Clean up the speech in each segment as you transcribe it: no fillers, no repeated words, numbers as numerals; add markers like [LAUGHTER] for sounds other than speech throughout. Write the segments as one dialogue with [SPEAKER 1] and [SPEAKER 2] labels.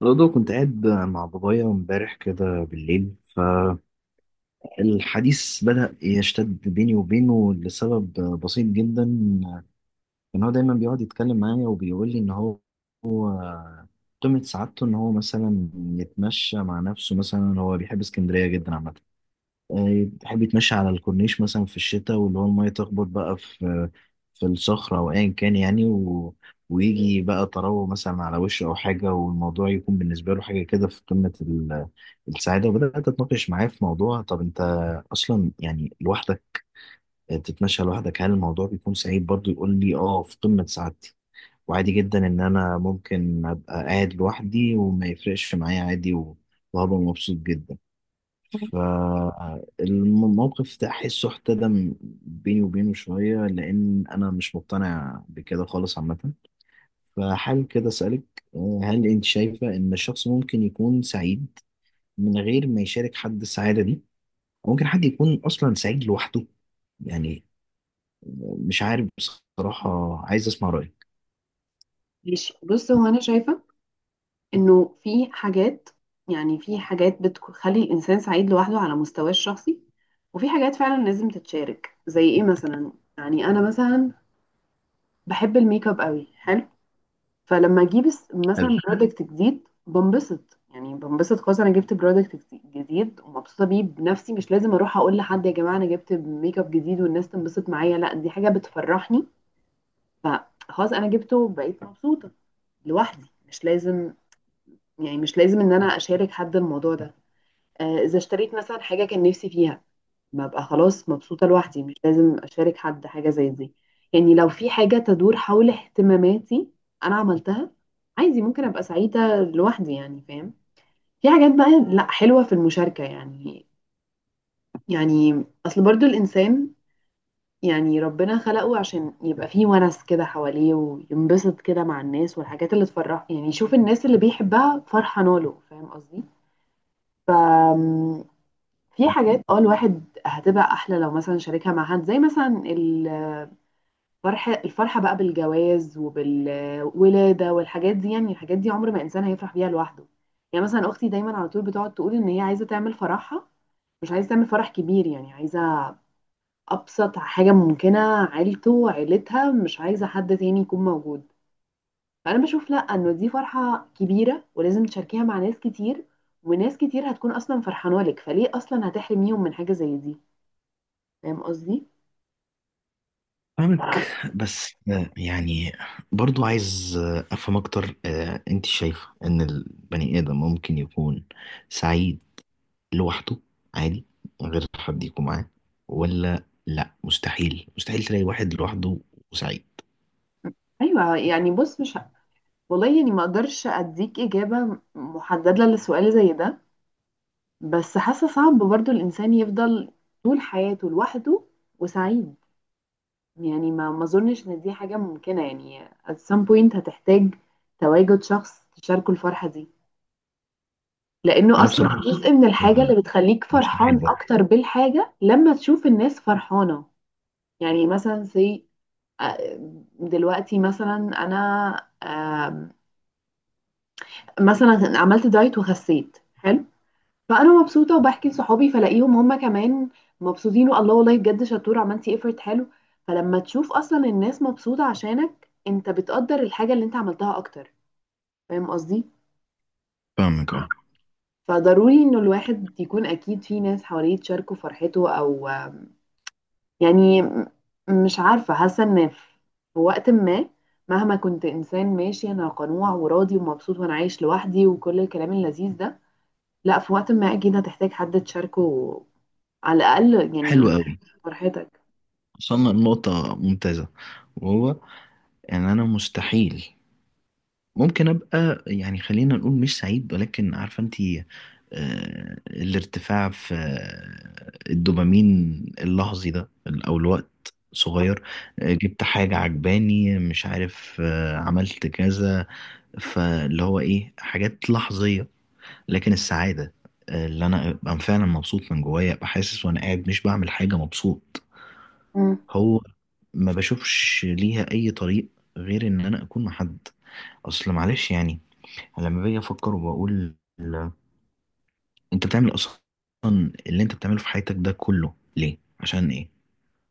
[SPEAKER 1] برضه كنت قاعد مع بابايا امبارح كده بالليل. فالحديث بدأ يشتد بيني وبينه لسبب بسيط جدا، ان هو دايما بيقعد يتكلم معايا وبيقول لي ان هو قمة سعادته ان هو مثلا يتمشى مع نفسه. مثلا هو بيحب اسكندرية جدا عامة، تحب تمشي على الكورنيش مثلا في الشتاء، واللي هو المية تخبط بقى في الصخرة أو أيا كان يعني، ويجي بقى تروه مثلا على وشه أو حاجة، والموضوع يكون بالنسبة له حاجة كده في قمة السعادة. وبدأت أتناقش معاه في موضوع، طب أنت أصلا يعني لوحدك تتمشى لوحدك، هل الموضوع بيكون سعيد؟ برضه يقول لي آه في قمة سعادتي، وعادي جدا إن أنا ممكن أبقى قاعد لوحدي وما يفرقش معايا عادي، وهبقى مبسوط جدا. فالموقف ده أحسه احتدم بيني وبينه شوية، لأن أنا مش مقتنع بكده خالص عامة. فحال كده أسألك، هل أنت شايفة إن الشخص ممكن يكون سعيد من غير ما يشارك حد السعادة دي؟ أو ممكن حد يكون أصلا سعيد لوحده؟ يعني مش عارف بصراحة، عايز أسمع رأيك.
[SPEAKER 2] ماشي، بص، هو انا شايفه انه في حاجات. يعني في حاجات بتخلي الانسان سعيد لوحده على مستواه الشخصي، وفي حاجات فعلا لازم تتشارك. زي ايه مثلا؟ يعني انا مثلا بحب الميك اب قوي حلو. فلما اجيب مثلا
[SPEAKER 1] حلو.
[SPEAKER 2] برودكت جديد بنبسط. يعني بنبسط خالص. انا جبت برودكت جديد ومبسوطه بيه بنفسي، مش لازم اروح اقول لحد يا جماعه انا جبت ميك اب جديد والناس تنبسط معايا. لا، دي حاجه بتفرحني. فخلاص انا جبته وبقيت مبسوطه لوحدي. مش لازم، يعني مش لازم ان انا اشارك حد الموضوع ده. اذا اشتريت مثلا حاجه كان نفسي فيها ببقى خلاص مبسوطه لوحدي، مش لازم اشارك حد حاجه زي دي. يعني لو في حاجه تدور حول اهتماماتي انا عملتها، عادي ممكن ابقى سعيده لوحدي. يعني فاهم؟ في حاجات بقى لا حلوه في المشاركه. يعني اصل برضو الانسان، يعني ربنا خلقه عشان يبقى فيه ونس كده حواليه وينبسط كده مع الناس والحاجات اللي تفرحه. يعني يشوف الناس اللي بيحبها فرحانه له. فاهم قصدي؟ في حاجات اه الواحد هتبقى احلى لو مثلا شاركها مع حد، زي مثلا الفرحه الفرحه بقى بالجواز وبالولاده والحاجات دي. يعني الحاجات دي عمر ما انسان هيفرح بيها لوحده. يعني مثلا اختي دايما على طول بتقعد تقول ان هي عايزه تعمل فرحها، مش عايزه تعمل فرح كبير. يعني عايزه ابسط حاجه ممكنه، عيلتها، مش عايزه حد تاني يكون موجود. فانا بشوف لا، انه دي فرحه كبيره ولازم تشاركيها مع ناس كتير، وناس كتير هتكون اصلا فرحانه لك، فليه اصلا هتحرميهم من حاجه زي دي؟ فاهم قصدي؟
[SPEAKER 1] فاهمك، بس يعني برضو عايز افهم اكتر. انت شايفه ان البني ادم ممكن يكون سعيد لوحده عادي، من غير حد يكون معاه؟ ولا لا، مستحيل تلاقي واحد لوحده وسعيد؟
[SPEAKER 2] ايوه يعني، بص، مش والله يعني ما اقدرش اديك اجابه محدده لسؤال زي ده. بس حاسه صعب برضو الانسان يفضل طول حياته لوحده وسعيد. يعني ما اظنش ان دي حاجه ممكنه. يعني at some point هتحتاج تواجد شخص تشاركه الفرحه دي، لانه
[SPEAKER 1] انا
[SPEAKER 2] اصلا
[SPEAKER 1] بصراحة
[SPEAKER 2] جزء من الحاجه
[SPEAKER 1] بحبها،
[SPEAKER 2] اللي بتخليك
[SPEAKER 1] مستحيل
[SPEAKER 2] فرحان
[SPEAKER 1] برضه.
[SPEAKER 2] اكتر بالحاجه لما تشوف الناس فرحانه. يعني مثلا زي، آه، دلوقتي مثلا انا آه، مثلا عملت دايت وخسيت حلو. فانا مبسوطه وبحكي لصحابي فلاقيهم هم كمان مبسوطين. والله والله بجد شطوره، عملتي ايفورت حلو. فلما تشوف اصلا الناس مبسوطه عشانك انت بتقدر الحاجه اللي انت عملتها اكتر. فاهم قصدي؟
[SPEAKER 1] فاهمك اهو.
[SPEAKER 2] فضروري انه الواحد يكون اكيد في ناس حواليه تشاركه فرحته، او يعني مش عارفه. حاسه ان في وقت ما مهما كنت انسان ماشي، انا قنوع وراضي ومبسوط وانا عايش لوحدي وكل الكلام اللذيذ ده، لا، في وقت ما اكيد هتحتاج حد تشاركه على الاقل يعني
[SPEAKER 1] حلو قوي،
[SPEAKER 2] فرحتك.
[SPEAKER 1] وصلنا لنقطة ممتازة، وهو ان انا مستحيل ممكن ابقى يعني، خلينا نقول مش سعيد، ولكن عارفة انت الارتفاع في الدوبامين اللحظي ده، او الوقت صغير، جبت حاجة عجباني، مش عارف، عملت كذا. فاللي هو ايه، حاجات لحظية. لكن السعادة اللي انا ابقى فعلا مبسوط من جوايا، ابقى حاسس وانا قاعد مش بعمل حاجة مبسوط،
[SPEAKER 2] مم.
[SPEAKER 1] هو ما بشوفش ليها اي طريق غير ان انا اكون مع حد. اصل معلش يعني، أنا لما باجي افكر وبقول، ال- انت بتعمل اصلا اللي انت بتعمله في حياتك ده كله ليه، عشان ايه؟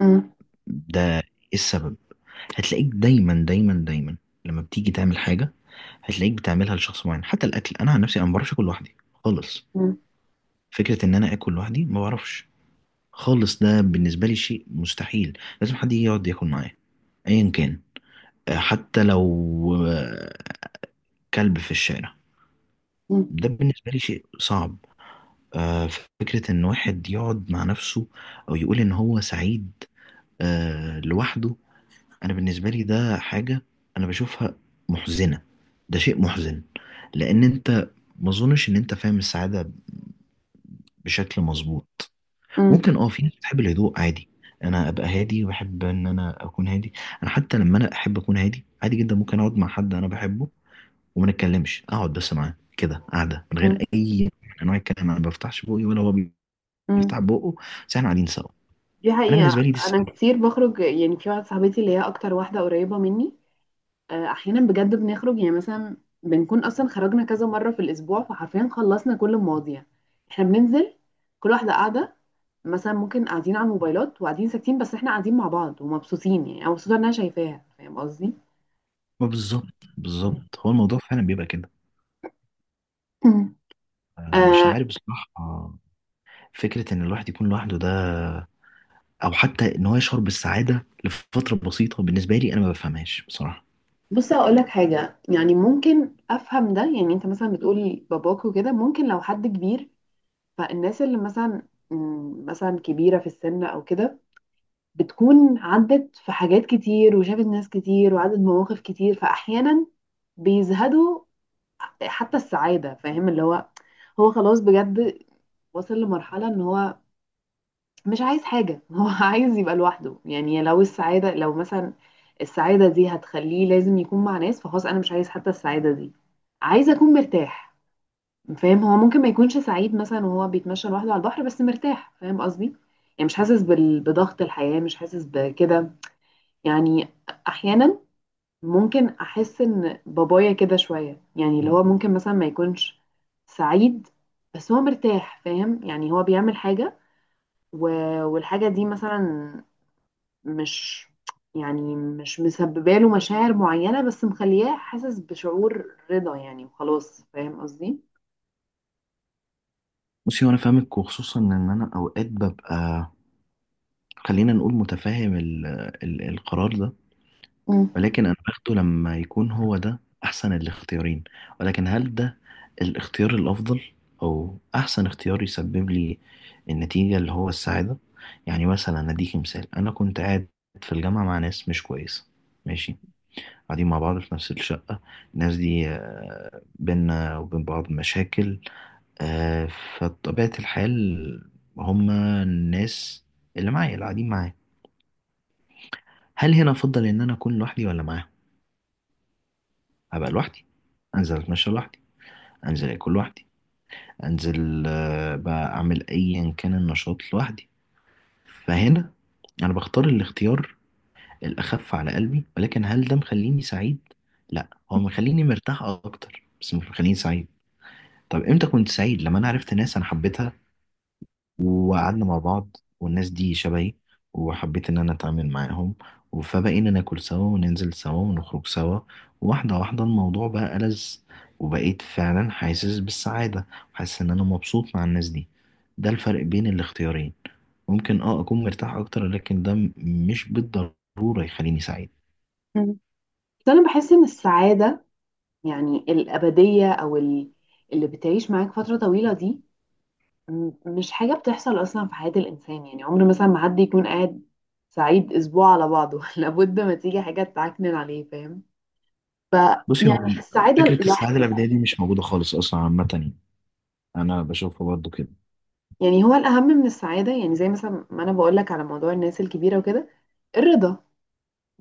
[SPEAKER 2] مم.
[SPEAKER 1] ده ايه السبب؟ هتلاقيك دايما لما بتيجي تعمل حاجه، هتلاقيك بتعملها لشخص معين. حتى الاكل، انا عن نفسي انا ما بعرفش اكل لوحدي خالص.
[SPEAKER 2] مم.
[SPEAKER 1] فكرة إن أنا آكل لوحدي ما بعرفش خالص، ده بالنسبة لي شيء مستحيل، لازم حد يجي يقعد ياكل معايا أيا كان. حتى لو آه، كلب في الشارع.
[SPEAKER 2] مم.
[SPEAKER 1] ده بالنسبة لي شيء صعب. آه، فكرة إن واحد يقعد مع نفسه أو يقول إن هو سعيد لوحده، أنا بالنسبة لي ده حاجة أنا بشوفها محزنة. ده شيء محزن، لأن أنت ما أظنش إن أنت فاهم السعادة بشكل مظبوط.
[SPEAKER 2] مم.
[SPEAKER 1] ممكن اه في ناس بتحب الهدوء عادي، انا ابقى هادي وبحب ان انا اكون هادي. انا حتى لما انا احب اكون هادي عادي جدا، ممكن اقعد مع حد انا بحبه وما نتكلمش، اقعد بس معاه كده قاعده من
[SPEAKER 2] مم.
[SPEAKER 1] غير اي نوع من انواع الكلام، انا ما بفتحش بوقي ولا هو
[SPEAKER 2] مم.
[SPEAKER 1] بيفتح بقه، بس احنا قاعدين سوا.
[SPEAKER 2] دي
[SPEAKER 1] انا
[SPEAKER 2] حقيقة.
[SPEAKER 1] بالنسبه لي دي
[SPEAKER 2] انا
[SPEAKER 1] السعاده.
[SPEAKER 2] كتير بخرج، يعني في واحده صاحبتي اللي هي اكتر واحده قريبه مني، احيانا بجد بنخرج. يعني مثلا بنكون اصلا خرجنا كذا مره في الاسبوع فحرفيا خلصنا كل المواضيع. احنا بننزل، كل واحده قاعده، مثلا ممكن قاعدين على الموبايلات وقاعدين ساكتين، بس احنا قاعدين مع بعض ومبسوطين. يعني انا مبسوطه ان انا شايفاها. فاهم قصدي؟
[SPEAKER 1] ما بالظبط بالظبط، هو الموضوع فعلا بيبقى كده.
[SPEAKER 2] مم.
[SPEAKER 1] مش
[SPEAKER 2] آه،
[SPEAKER 1] عارف بصراحه، فكره ان الواحد يكون لوحده ده، او حتى ان هو يشعر بالسعاده لفتره بسيطه، بالنسبه لي انا ما بفهمهاش بصراحه.
[SPEAKER 2] بص، هقول لك حاجة. يعني ممكن أفهم ده. يعني أنت مثلا بتقول باباك وكده، ممكن لو حد كبير، فالناس اللي مثلا مثلا كبيرة في السن أو كده، بتكون عدت في حاجات كتير وشافت ناس كتير وعدت مواقف كتير، فأحيانا بيزهدوا حتى السعادة. فاهم؟ اللي هو، هو خلاص بجد وصل لمرحلة إن هو مش عايز حاجة [LAUGHS] هو عايز يبقى لوحده. يعني لو السعادة لو مثلا السعادة دي هتخليه لازم يكون مع ناس، فخلاص أنا مش عايز حتى السعادة دي، عايز أكون مرتاح. فاهم؟ هو ممكن ما يكونش سعيد مثلا وهو بيتمشى لوحده على البحر بس مرتاح. فاهم قصدي؟ يعني مش حاسس بضغط الحياة، مش حاسس بكده. يعني أحيانا ممكن أحس إن بابايا كده شوية، يعني اللي هو ممكن مثلا ما يكونش سعيد، بس هو مرتاح. فاهم؟ يعني هو بيعمل حاجة و... والحاجة دي مثلا مش، يعني مش مسببه له مشاعر معينة، بس مخلياه حاسس بشعور رضا يعني. وخلاص. فاهم قصدي؟
[SPEAKER 1] بصي، وانا فاهمك، وخصوصا ان انا اوقات ببقى، خلينا نقول متفاهم ال القرار ده،
[SPEAKER 2] مم.
[SPEAKER 1] ولكن انا باخده لما يكون هو ده احسن الاختيارين. ولكن هل ده الاختيار الافضل او احسن اختيار يسبب لي النتيجة اللي هو السعادة؟ يعني مثلا اديكي مثال، انا كنت قاعد في الجامعة مع ناس مش كويسة ماشي، قاعدين مع بعض في نفس الشقة. الناس دي بينا وبين بعض مشاكل. آه، فطبيعة الحال، هما الناس اللي معايا اللي قاعدين معايا، هل هنا أفضل إن أنا أكون لوحدي ولا معاهم؟ أبقى لوحدي، أنزل أتمشى لوحدي، أنزل أكل لوحدي، أنزل بقى أعمل أيا كان النشاط لوحدي. فهنا أنا بختار الاختيار الأخف على قلبي، ولكن هل ده مخليني سعيد؟ لا، هو مخليني مرتاح أكتر بس مش مخليني سعيد. طب إمتى كنت سعيد؟ لما أنا عرفت ناس أنا حبيتها وقعدنا مع بعض، والناس دي شبهي وحبيت ان انا اتعامل معاهم، فبقينا ناكل سوا وننزل سوا ونخرج سوا. واحدة واحدة الموضوع بقى ألذ، وبقيت فعلا حاسس بالسعادة، حاسس ان انا مبسوط مع الناس دي. ده الفرق بين الاختيارين. ممكن اه اكون مرتاح اكتر، لكن ده مش بالضرورة يخليني سعيد.
[SPEAKER 2] مم. بس انا بحس ان السعادة، يعني الأبدية او اللي بتعيش معاك فترة طويلة دي، مش حاجة بتحصل اصلا في حياة الانسان. يعني عمر مثلا ما حد يكون قاعد سعيد اسبوع على بعضه [LAUGHS] لابد ما تيجي حاجة تعكنن عليه. فاهم؟ ف
[SPEAKER 1] بصي، هو
[SPEAKER 2] يعني السعادة
[SPEAKER 1] فكرة السعادة
[SPEAKER 2] لحظة.
[SPEAKER 1] الأبدية دي مش موجودة خالص أصلا عامة يعني، أنا بشوفها برضه كده.
[SPEAKER 2] يعني هو الأهم من السعادة، يعني زي مثلا ما أنا بقولك على موضوع الناس الكبيرة وكده، الرضا.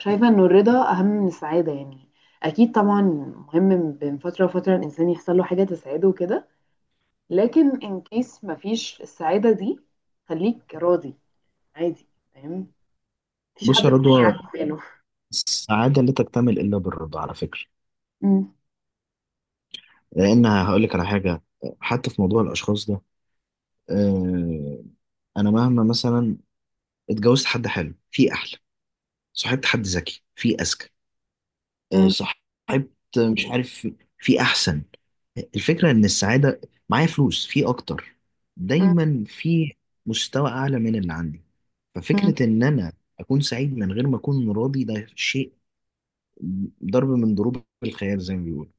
[SPEAKER 2] شايفة إنه الرضا أهم من السعادة. يعني أكيد طبعا مهم بين فترة وفترة الإنسان يحصل له حاجة تسعده وكده، لكن إن كيس مفيش السعادة دي، خليك راضي، عادي. فاهم؟ مفيش حد
[SPEAKER 1] بص يا
[SPEAKER 2] بيضايقك في
[SPEAKER 1] رضوى،
[SPEAKER 2] حاله.
[SPEAKER 1] السعادة لا تكتمل إلا بالرضا على فكرة.
[SPEAKER 2] أمم،
[SPEAKER 1] لان هقول لك على حاجه، حتى في موضوع الاشخاص ده، آه، انا مهما مثلا اتجوزت حد حلو في احلى، صاحبت حد ذكي في اذكى،
[SPEAKER 2] أمم،
[SPEAKER 1] صاحبت، مش عارف، في احسن، الفكره ان السعاده، معايا فلوس في اكتر،
[SPEAKER 2] أمم،
[SPEAKER 1] دايما في مستوى اعلى من اللي عندي.
[SPEAKER 2] أمم.
[SPEAKER 1] ففكره ان انا اكون سعيد من غير ما اكون راضي، ده شيء ضرب من ضروب الخيال زي ما بيقولوا.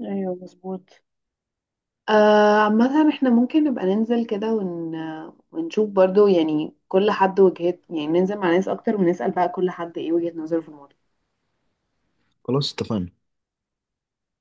[SPEAKER 2] ايوه مظبوط. عامة احنا ممكن نبقى ننزل كده ونشوف برضو، يعني كل حد وجهات، يعني ننزل مع ناس اكتر ونسأل بقى كل حد ايه وجهة نظره في الموضوع.
[SPEAKER 1] خلاص اتفقنا.